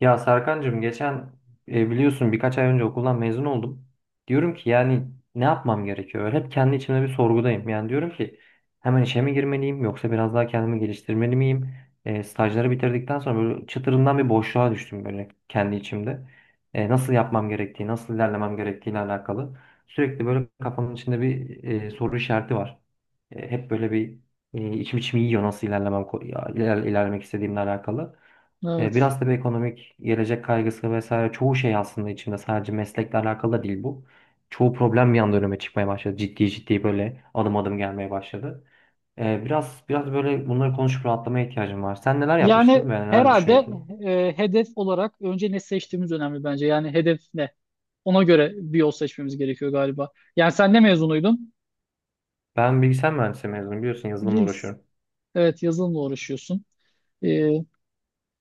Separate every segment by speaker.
Speaker 1: Ya Serkancığım geçen biliyorsun birkaç ay önce okuldan mezun oldum. Diyorum ki yani ne yapmam gerekiyor? Hep kendi içimde bir sorgudayım. Yani diyorum ki hemen işe mi girmeliyim yoksa biraz daha kendimi geliştirmeli miyim? Stajları bitirdikten sonra böyle çıtırından bir boşluğa düştüm böyle kendi içimde. Nasıl yapmam gerektiği, nasıl ilerlemem gerektiğiyle alakalı. Sürekli böyle kafamın içinde bir soru işareti var. Hep böyle bir içim içimi yiyor nasıl ilerlemem, ilerlemek istediğimle alakalı.
Speaker 2: Evet.
Speaker 1: Biraz tabii ekonomik gelecek kaygısı vesaire çoğu şey aslında içinde sadece meslekle alakalı da değil bu. Çoğu problem bir anda önüme çıkmaya başladı. Ciddi ciddi böyle adım adım gelmeye başladı. Biraz böyle bunları konuşup rahatlamaya ihtiyacım var. Sen neler
Speaker 2: Yani
Speaker 1: yapmıştın ve neler
Speaker 2: herhalde
Speaker 1: düşünüyorsun?
Speaker 2: hedef olarak önce ne seçtiğimiz önemli bence. Yani hedef ne? Ona göre bir yol seçmemiz gerekiyor galiba. Yani sen ne mezunuydun?
Speaker 1: Ben bilgisayar mühendisliği mezunuyum, biliyorsun yazılımla
Speaker 2: Biz.
Speaker 1: uğraşıyorum.
Speaker 2: Evet, yazılımla uğraşıyorsun. E,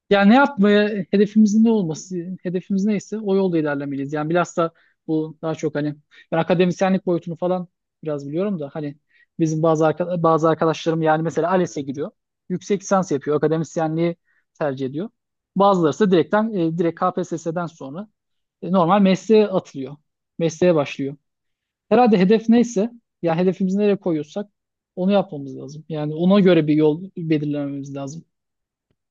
Speaker 2: Yani ne yapmaya hedefimizin ne olması, hedefimiz neyse o yolda ilerlemeliyiz. Yani bilhassa bu daha çok hani ben akademisyenlik boyutunu falan biraz biliyorum da hani bizim bazı arkadaşlarım yani mesela ALES'e giriyor. Yüksek lisans yapıyor, akademisyenliği tercih ediyor. Bazıları ise direkt KPSS'den sonra normal mesleğe atılıyor. Mesleğe başlıyor. Herhalde hedef neyse yani hedefimizi nereye koyuyorsak onu yapmamız lazım. Yani ona göre bir yol belirlememiz lazım.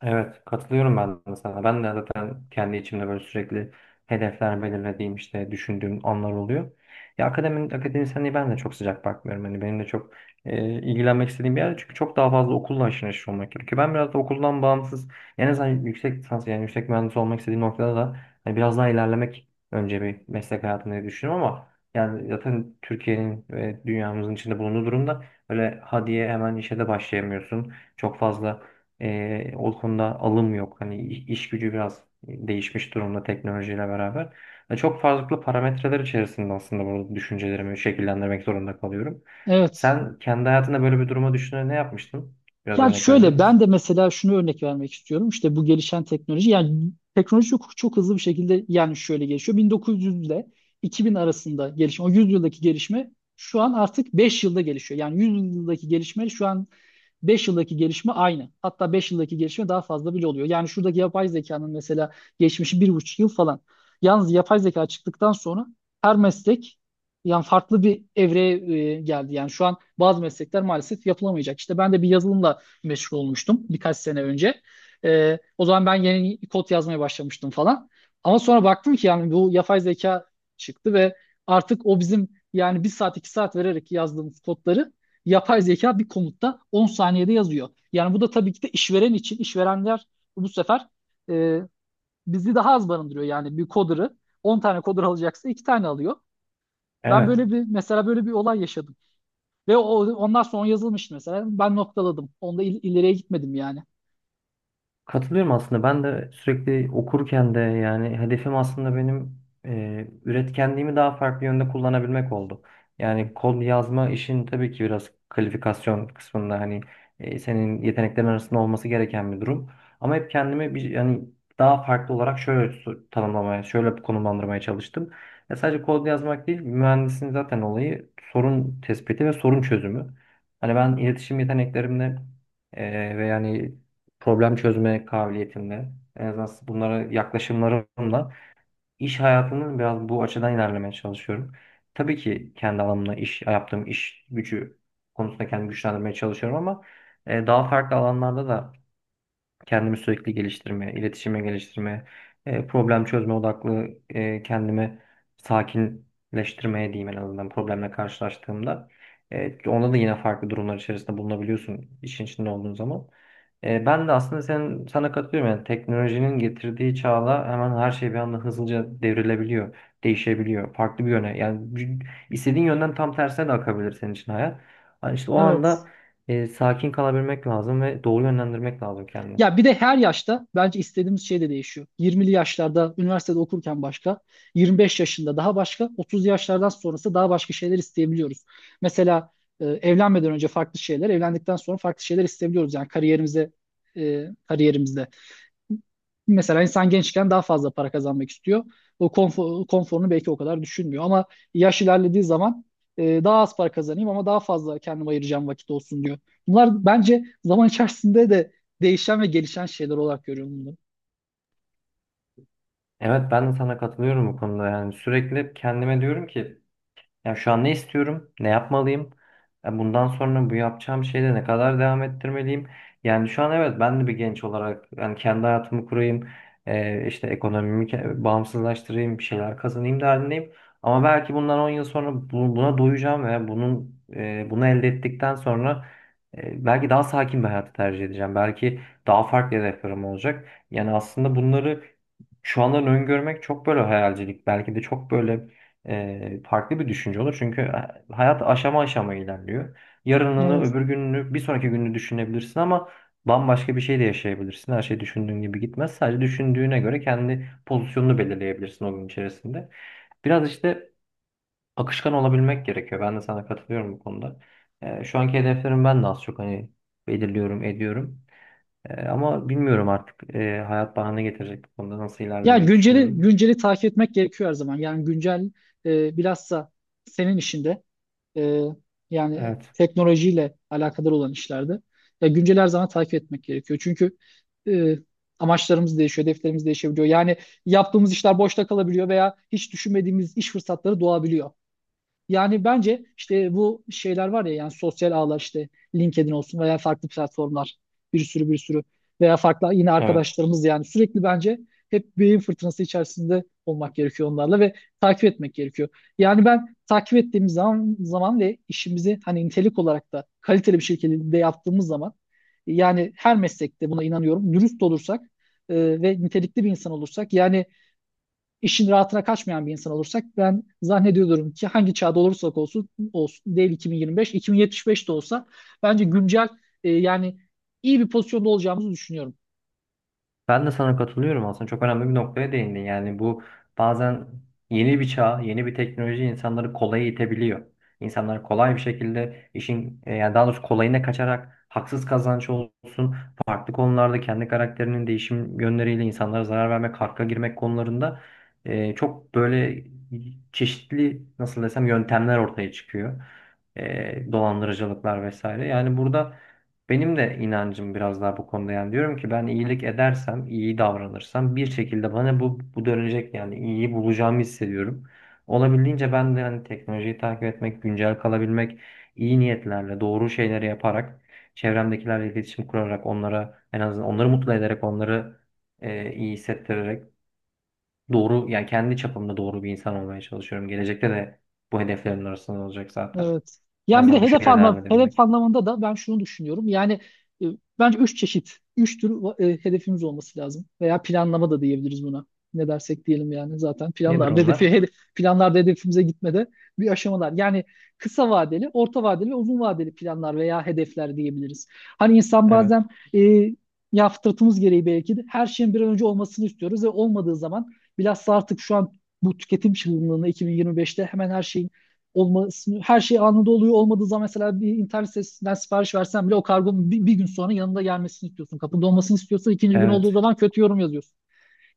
Speaker 1: Evet, katılıyorum ben de sana. Ben de zaten kendi içimde böyle sürekli hedefler belirlediğim, işte düşündüğüm anlar oluyor. Ya akademisyenliği ben de çok sıcak bakmıyorum. Hani benim de çok ilgilenmek istediğim bir yer, çünkü çok daha fazla okulla haşır neşir olmak gerekiyor. Ben biraz da okuldan bağımsız, en azından yüksek lisans yani yüksek mühendis olmak istediğim noktada da hani biraz daha ilerlemek önce bir meslek hayatında diye düşünüyorum. Ama yani zaten Türkiye'nin ve dünyamızın içinde bulunduğu durumda öyle ha diye hemen işe de başlayamıyorsun. Çok fazla o konuda alım yok. Hani iş gücü biraz değişmiş durumda teknolojiyle beraber. Ya çok farklı parametreler içerisinde aslında bu düşüncelerimi şekillendirmek zorunda kalıyorum.
Speaker 2: Evet.
Speaker 1: Sen kendi hayatında böyle bir duruma düşünerek ne yapmıştın? Biraz
Speaker 2: Yani
Speaker 1: örnek verebilir
Speaker 2: şöyle ben
Speaker 1: misin?
Speaker 2: de mesela şunu örnek vermek istiyorum. İşte bu gelişen teknoloji yani teknoloji çok, çok hızlı bir şekilde yani şöyle gelişiyor. 1900 ile 2000 arasında gelişme o 100 yıldaki gelişme şu an artık 5 yılda gelişiyor. Yani 100 yıldaki gelişme şu an beş yıldaki gelişme aynı. Hatta 5 yıldaki gelişme daha fazla bile oluyor. Yani şuradaki yapay zekanın mesela geçmişi bir buçuk yıl falan. Yalnız yapay zeka çıktıktan sonra her meslek yani farklı bir evreye geldi. Yani şu an bazı meslekler maalesef yapılamayacak. İşte ben de bir yazılımla meşgul olmuştum birkaç sene önce. O zaman ben yeni kod yazmaya başlamıştım falan. Ama sonra baktım ki yani bu yapay zeka çıktı ve artık o bizim yani bir saat iki saat vererek yazdığımız kodları yapay zeka bir komutta 10 saniyede yazıyor. Yani bu da tabii ki de işveren için, işverenler bu sefer e, bizi daha az barındırıyor. Yani bir coder'ı 10 tane coder alacaksa 2 tane alıyor. Ben
Speaker 1: Evet.
Speaker 2: böyle bir mesela böyle bir olay yaşadım. Ve ondan sonra yazılmıştı mesela. Ben noktaladım. Onda ileriye gitmedim yani.
Speaker 1: Katılıyorum aslında. Ben de sürekli okurken de yani hedefim aslında benim üretkenliğimi daha farklı yönde kullanabilmek oldu. Yani kod yazma işin tabii ki biraz kalifikasyon kısmında hani senin yeteneklerin arasında olması gereken bir durum. Ama hep kendimi bir, yani daha farklı olarak şöyle tanımlamaya, şöyle konumlandırmaya çalıştım. Ya sadece kod yazmak değil, mühendisin zaten olayı sorun tespiti ve sorun çözümü. Hani ben iletişim yeteneklerimle ve yani problem çözme kabiliyetimle, en azından bunlara yaklaşımlarımla iş hayatını biraz bu açıdan ilerlemeye çalışıyorum. Tabii ki kendi alanımda iş yaptığım iş gücü konusunda kendimi güçlendirmeye çalışıyorum, ama daha farklı alanlarda da kendimi sürekli geliştirmeye, iletişime geliştirmeye, problem çözme odaklı kendimi sakinleştirmeye diyeyim, en azından problemle karşılaştığımda. Onda da yine farklı durumlar içerisinde bulunabiliyorsun işin içinde olduğun zaman. Ben de aslında sana katılıyorum. Yani teknolojinin getirdiği çağla hemen her şey bir anda hızlıca devrilebiliyor, değişebiliyor. Farklı bir yöne. Yani istediğin yönden tam tersine de akabilir senin için hayat. Yani işte o
Speaker 2: Evet.
Speaker 1: anda sakin kalabilmek lazım ve doğru yönlendirmek lazım kendini.
Speaker 2: Ya bir de her yaşta bence istediğimiz şey de değişiyor. 20'li yaşlarda üniversitede okurken başka, 25 yaşında daha başka, 30 yaşlardan sonrası daha başka şeyler isteyebiliyoruz. Mesela evlenmeden önce farklı şeyler, evlendikten sonra farklı şeyler isteyebiliyoruz. Yani kariyerimizde. Mesela insan gençken daha fazla para kazanmak istiyor. O konforunu belki o kadar düşünmüyor. Ama yaş ilerlediği zaman daha az para kazanayım ama daha fazla kendime ayıracağım vakit olsun diyor. Bunlar bence zaman içerisinde de değişen ve gelişen şeyler olarak görüyorum bunları.
Speaker 1: Evet, ben de sana katılıyorum bu konuda. Yani sürekli hep kendime diyorum ki yani şu an ne istiyorum? Ne yapmalıyım? Bundan sonra bu yapacağım şeyde ne kadar devam ettirmeliyim? Yani şu an evet, ben de bir genç olarak yani kendi hayatımı kurayım, işte ekonomimi bağımsızlaştırayım. Bir şeyler kazanayım derdindeyim. Ama belki bundan 10 yıl sonra buna doyacağım ve bunun bunu elde ettikten sonra belki daha sakin bir hayatı tercih edeceğim. Belki daha farklı hedeflerim olacak. Yani aslında bunları şu andan öngörmek çok böyle hayalcilik. Belki de çok böyle farklı bir düşünce olur. Çünkü hayat aşama aşama ilerliyor. Yarınını,
Speaker 2: Evet.
Speaker 1: öbür gününü, bir sonraki gününü düşünebilirsin, ama bambaşka bir şey de yaşayabilirsin. Her şey düşündüğün gibi gitmez. Sadece düşündüğüne göre kendi pozisyonunu belirleyebilirsin o gün içerisinde. Biraz işte akışkan olabilmek gerekiyor. Ben de sana katılıyorum bu konuda. Şu anki hedeflerim ben de az çok hani belirliyorum, ediyorum. Ama bilmiyorum artık, hayat bana ne getirecek, bu konuda nasıl
Speaker 2: Yani
Speaker 1: ilerlemeyi düşünüyorum.
Speaker 2: günceli takip etmek gerekiyor her zaman. Yani güncel bilhassa senin işinde. e, yani
Speaker 1: Evet.
Speaker 2: teknolojiyle alakadar olan işlerde ya güncel her zaman takip etmek gerekiyor. Çünkü e, amaçlarımız değişiyor, hedeflerimiz değişebiliyor. Yani yaptığımız işler boşta kalabiliyor veya hiç düşünmediğimiz iş fırsatları doğabiliyor. Yani bence işte bu şeyler var ya yani sosyal ağlar işte LinkedIn olsun veya farklı platformlar bir sürü bir sürü veya farklı yine
Speaker 1: Evet.
Speaker 2: arkadaşlarımız yani sürekli bence hep beyin fırtınası içerisinde olmak gerekiyor onlarla ve takip etmek gerekiyor. Yani ben takip ettiğimiz zaman ve işimizi hani nitelik olarak da kaliteli bir şekilde yaptığımız zaman yani her meslekte buna inanıyorum dürüst olursak ve nitelikli bir insan olursak yani işin rahatına kaçmayan bir insan olursak ben zannediyorum ki hangi çağda olursak olsun, olsun değil 2025, 2075 de olsa bence güncel yani iyi bir pozisyonda olacağımızı düşünüyorum.
Speaker 1: Ben de sana katılıyorum aslında. Çok önemli bir noktaya değindin. Yani bu bazen yeni bir çağ, yeni bir teknoloji insanları kolaya itebiliyor. İnsanlar kolay bir şekilde işin yani daha doğrusu kolayına kaçarak, haksız kazanç olsun, farklı konularda kendi karakterinin değişim yönleriyle insanlara zarar vermek, hakka girmek konularında çok böyle çeşitli, nasıl desem, yöntemler ortaya çıkıyor. Dolandırıcılıklar vesaire. Yani burada benim de inancım biraz daha bu konuda, yani diyorum ki ben iyilik edersem, iyi davranırsam bir şekilde bana bu dönecek, yani iyiyi bulacağımı hissediyorum. Olabildiğince ben de hani teknolojiyi takip etmek, güncel kalabilmek, iyi niyetlerle, doğru şeyleri yaparak, çevremdekilerle iletişim kurarak, onlara en azından onları mutlu ederek, onları iyi hissettirerek, doğru yani kendi çapımda doğru bir insan olmaya çalışıyorum. Gelecekte de bu hedeflerin arasında olacak zaten.
Speaker 2: Evet.
Speaker 1: En
Speaker 2: Yani bir de
Speaker 1: azından bu şekilde devam
Speaker 2: hedef
Speaker 1: edebilmek.
Speaker 2: anlamında da ben şunu düşünüyorum. Yani e, bence üç çeşit, üç tür hedefimiz olması lazım. Veya planlama da diyebiliriz buna. Ne dersek diyelim yani zaten
Speaker 1: Nedir
Speaker 2: planlar hedefi
Speaker 1: onlar?
Speaker 2: hedef, planlarda hedefimize gitmede bir aşamalar. Yani kısa vadeli, orta vadeli ve uzun vadeli planlar veya hedefler diyebiliriz. Hani insan
Speaker 1: Evet.
Speaker 2: bazen e, ya fıtratımız gereği belki de her şeyin bir an önce olmasını istiyoruz ve olmadığı zaman bilhassa artık şu an bu tüketim çılgınlığına 2025'te hemen her şeyin olmasını her şey anında oluyor. Olmadığı zaman mesela bir internet sitesinden sipariş versen bile o kargonun bir gün sonra yanında gelmesini istiyorsun. Kapında olmasını istiyorsan ikinci gün olduğu
Speaker 1: Evet.
Speaker 2: zaman kötü yorum yazıyorsun.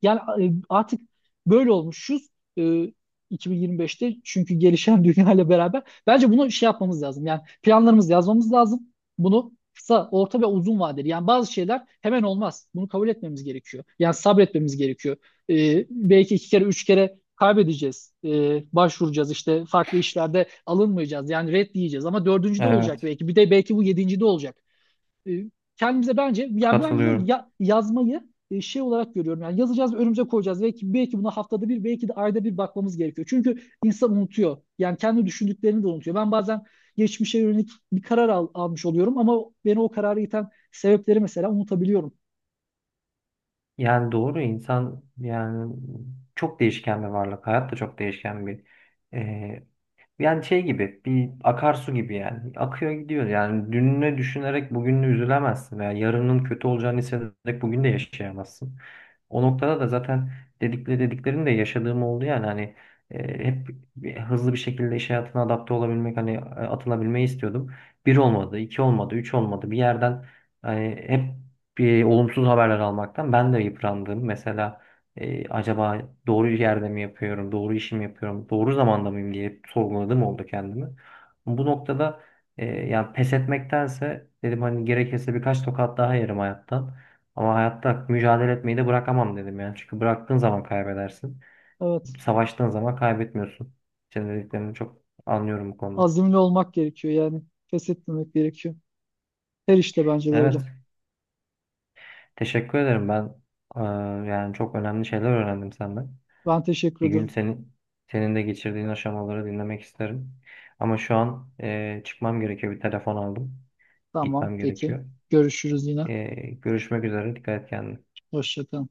Speaker 2: Yani artık böyle olmuşuz e, 2025'te çünkü gelişen dünya ile beraber. Bence bunu şey yapmamız lazım. Yani planlarımızı yazmamız lazım. Bunu kısa, orta ve uzun vadeli. Yani bazı şeyler hemen olmaz. Bunu kabul etmemiz gerekiyor. Yani sabretmemiz gerekiyor. Belki iki kere, üç kere kaybedeceğiz. Başvuracağız işte farklı işlerde alınmayacağız. Yani red diyeceğiz ama dördüncü de olacak
Speaker 1: Evet,
Speaker 2: belki. Bir de belki bu yedinci de olacak. E, Kendimize bence yani ben bunu
Speaker 1: katılıyorum.
Speaker 2: yazmayı şey olarak görüyorum. Yani yazacağız ve önümüze koyacağız. Belki buna haftada bir, belki de ayda bir bakmamız gerekiyor. Çünkü insan unutuyor. Yani kendi düşündüklerini de unutuyor. Ben bazen geçmişe yönelik bir karar almış oluyorum ama beni o kararı iten sebepleri mesela unutabiliyorum.
Speaker 1: Yani doğru, insan yani çok değişken bir varlık. Hayat da çok değişken bir e, yani şey gibi, bir akarsu gibi yani, akıyor gidiyor. Yani dününü düşünerek bugününü üzülemezsin veya yarının kötü olacağını hissederek bugün de yaşayamazsın. O noktada da zaten dediklerini de yaşadığım oldu yani. Hani hep hızlı bir şekilde iş hayatına adapte olabilmek, hani atılabilmeyi istiyordum. Bir olmadı, iki olmadı, üç olmadı, bir yerden hani hep bir olumsuz haberler almaktan ben de yıprandım. Mesela acaba doğru yerde mi yapıyorum, doğru işimi yapıyorum, doğru zamanda mıyım diye sorguladım oldu kendimi. Bu noktada yani pes etmektense dedim hani, gerekirse birkaç tokat daha yerim hayattan. Ama hayatta mücadele etmeyi de bırakamam dedim yani. Çünkü bıraktığın zaman kaybedersin.
Speaker 2: Evet.
Speaker 1: Savaştığın zaman kaybetmiyorsun. Senin dediklerini çok anlıyorum bu konuda.
Speaker 2: Azimli olmak gerekiyor yani. Pes etmemek gerekiyor. Her işte bence böyle.
Speaker 1: Evet, teşekkür ederim ben. e, Yani çok önemli şeyler öğrendim senden.
Speaker 2: Ben teşekkür
Speaker 1: Bir gün
Speaker 2: ederim.
Speaker 1: senin de geçirdiğin aşamaları dinlemek isterim. Ama şu an çıkmam gerekiyor. Bir telefon aldım.
Speaker 2: Tamam,
Speaker 1: Gitmem
Speaker 2: peki.
Speaker 1: gerekiyor.
Speaker 2: Görüşürüz yine.
Speaker 1: E, Görüşmek üzere. Dikkat et kendine.
Speaker 2: Hoşça kalın.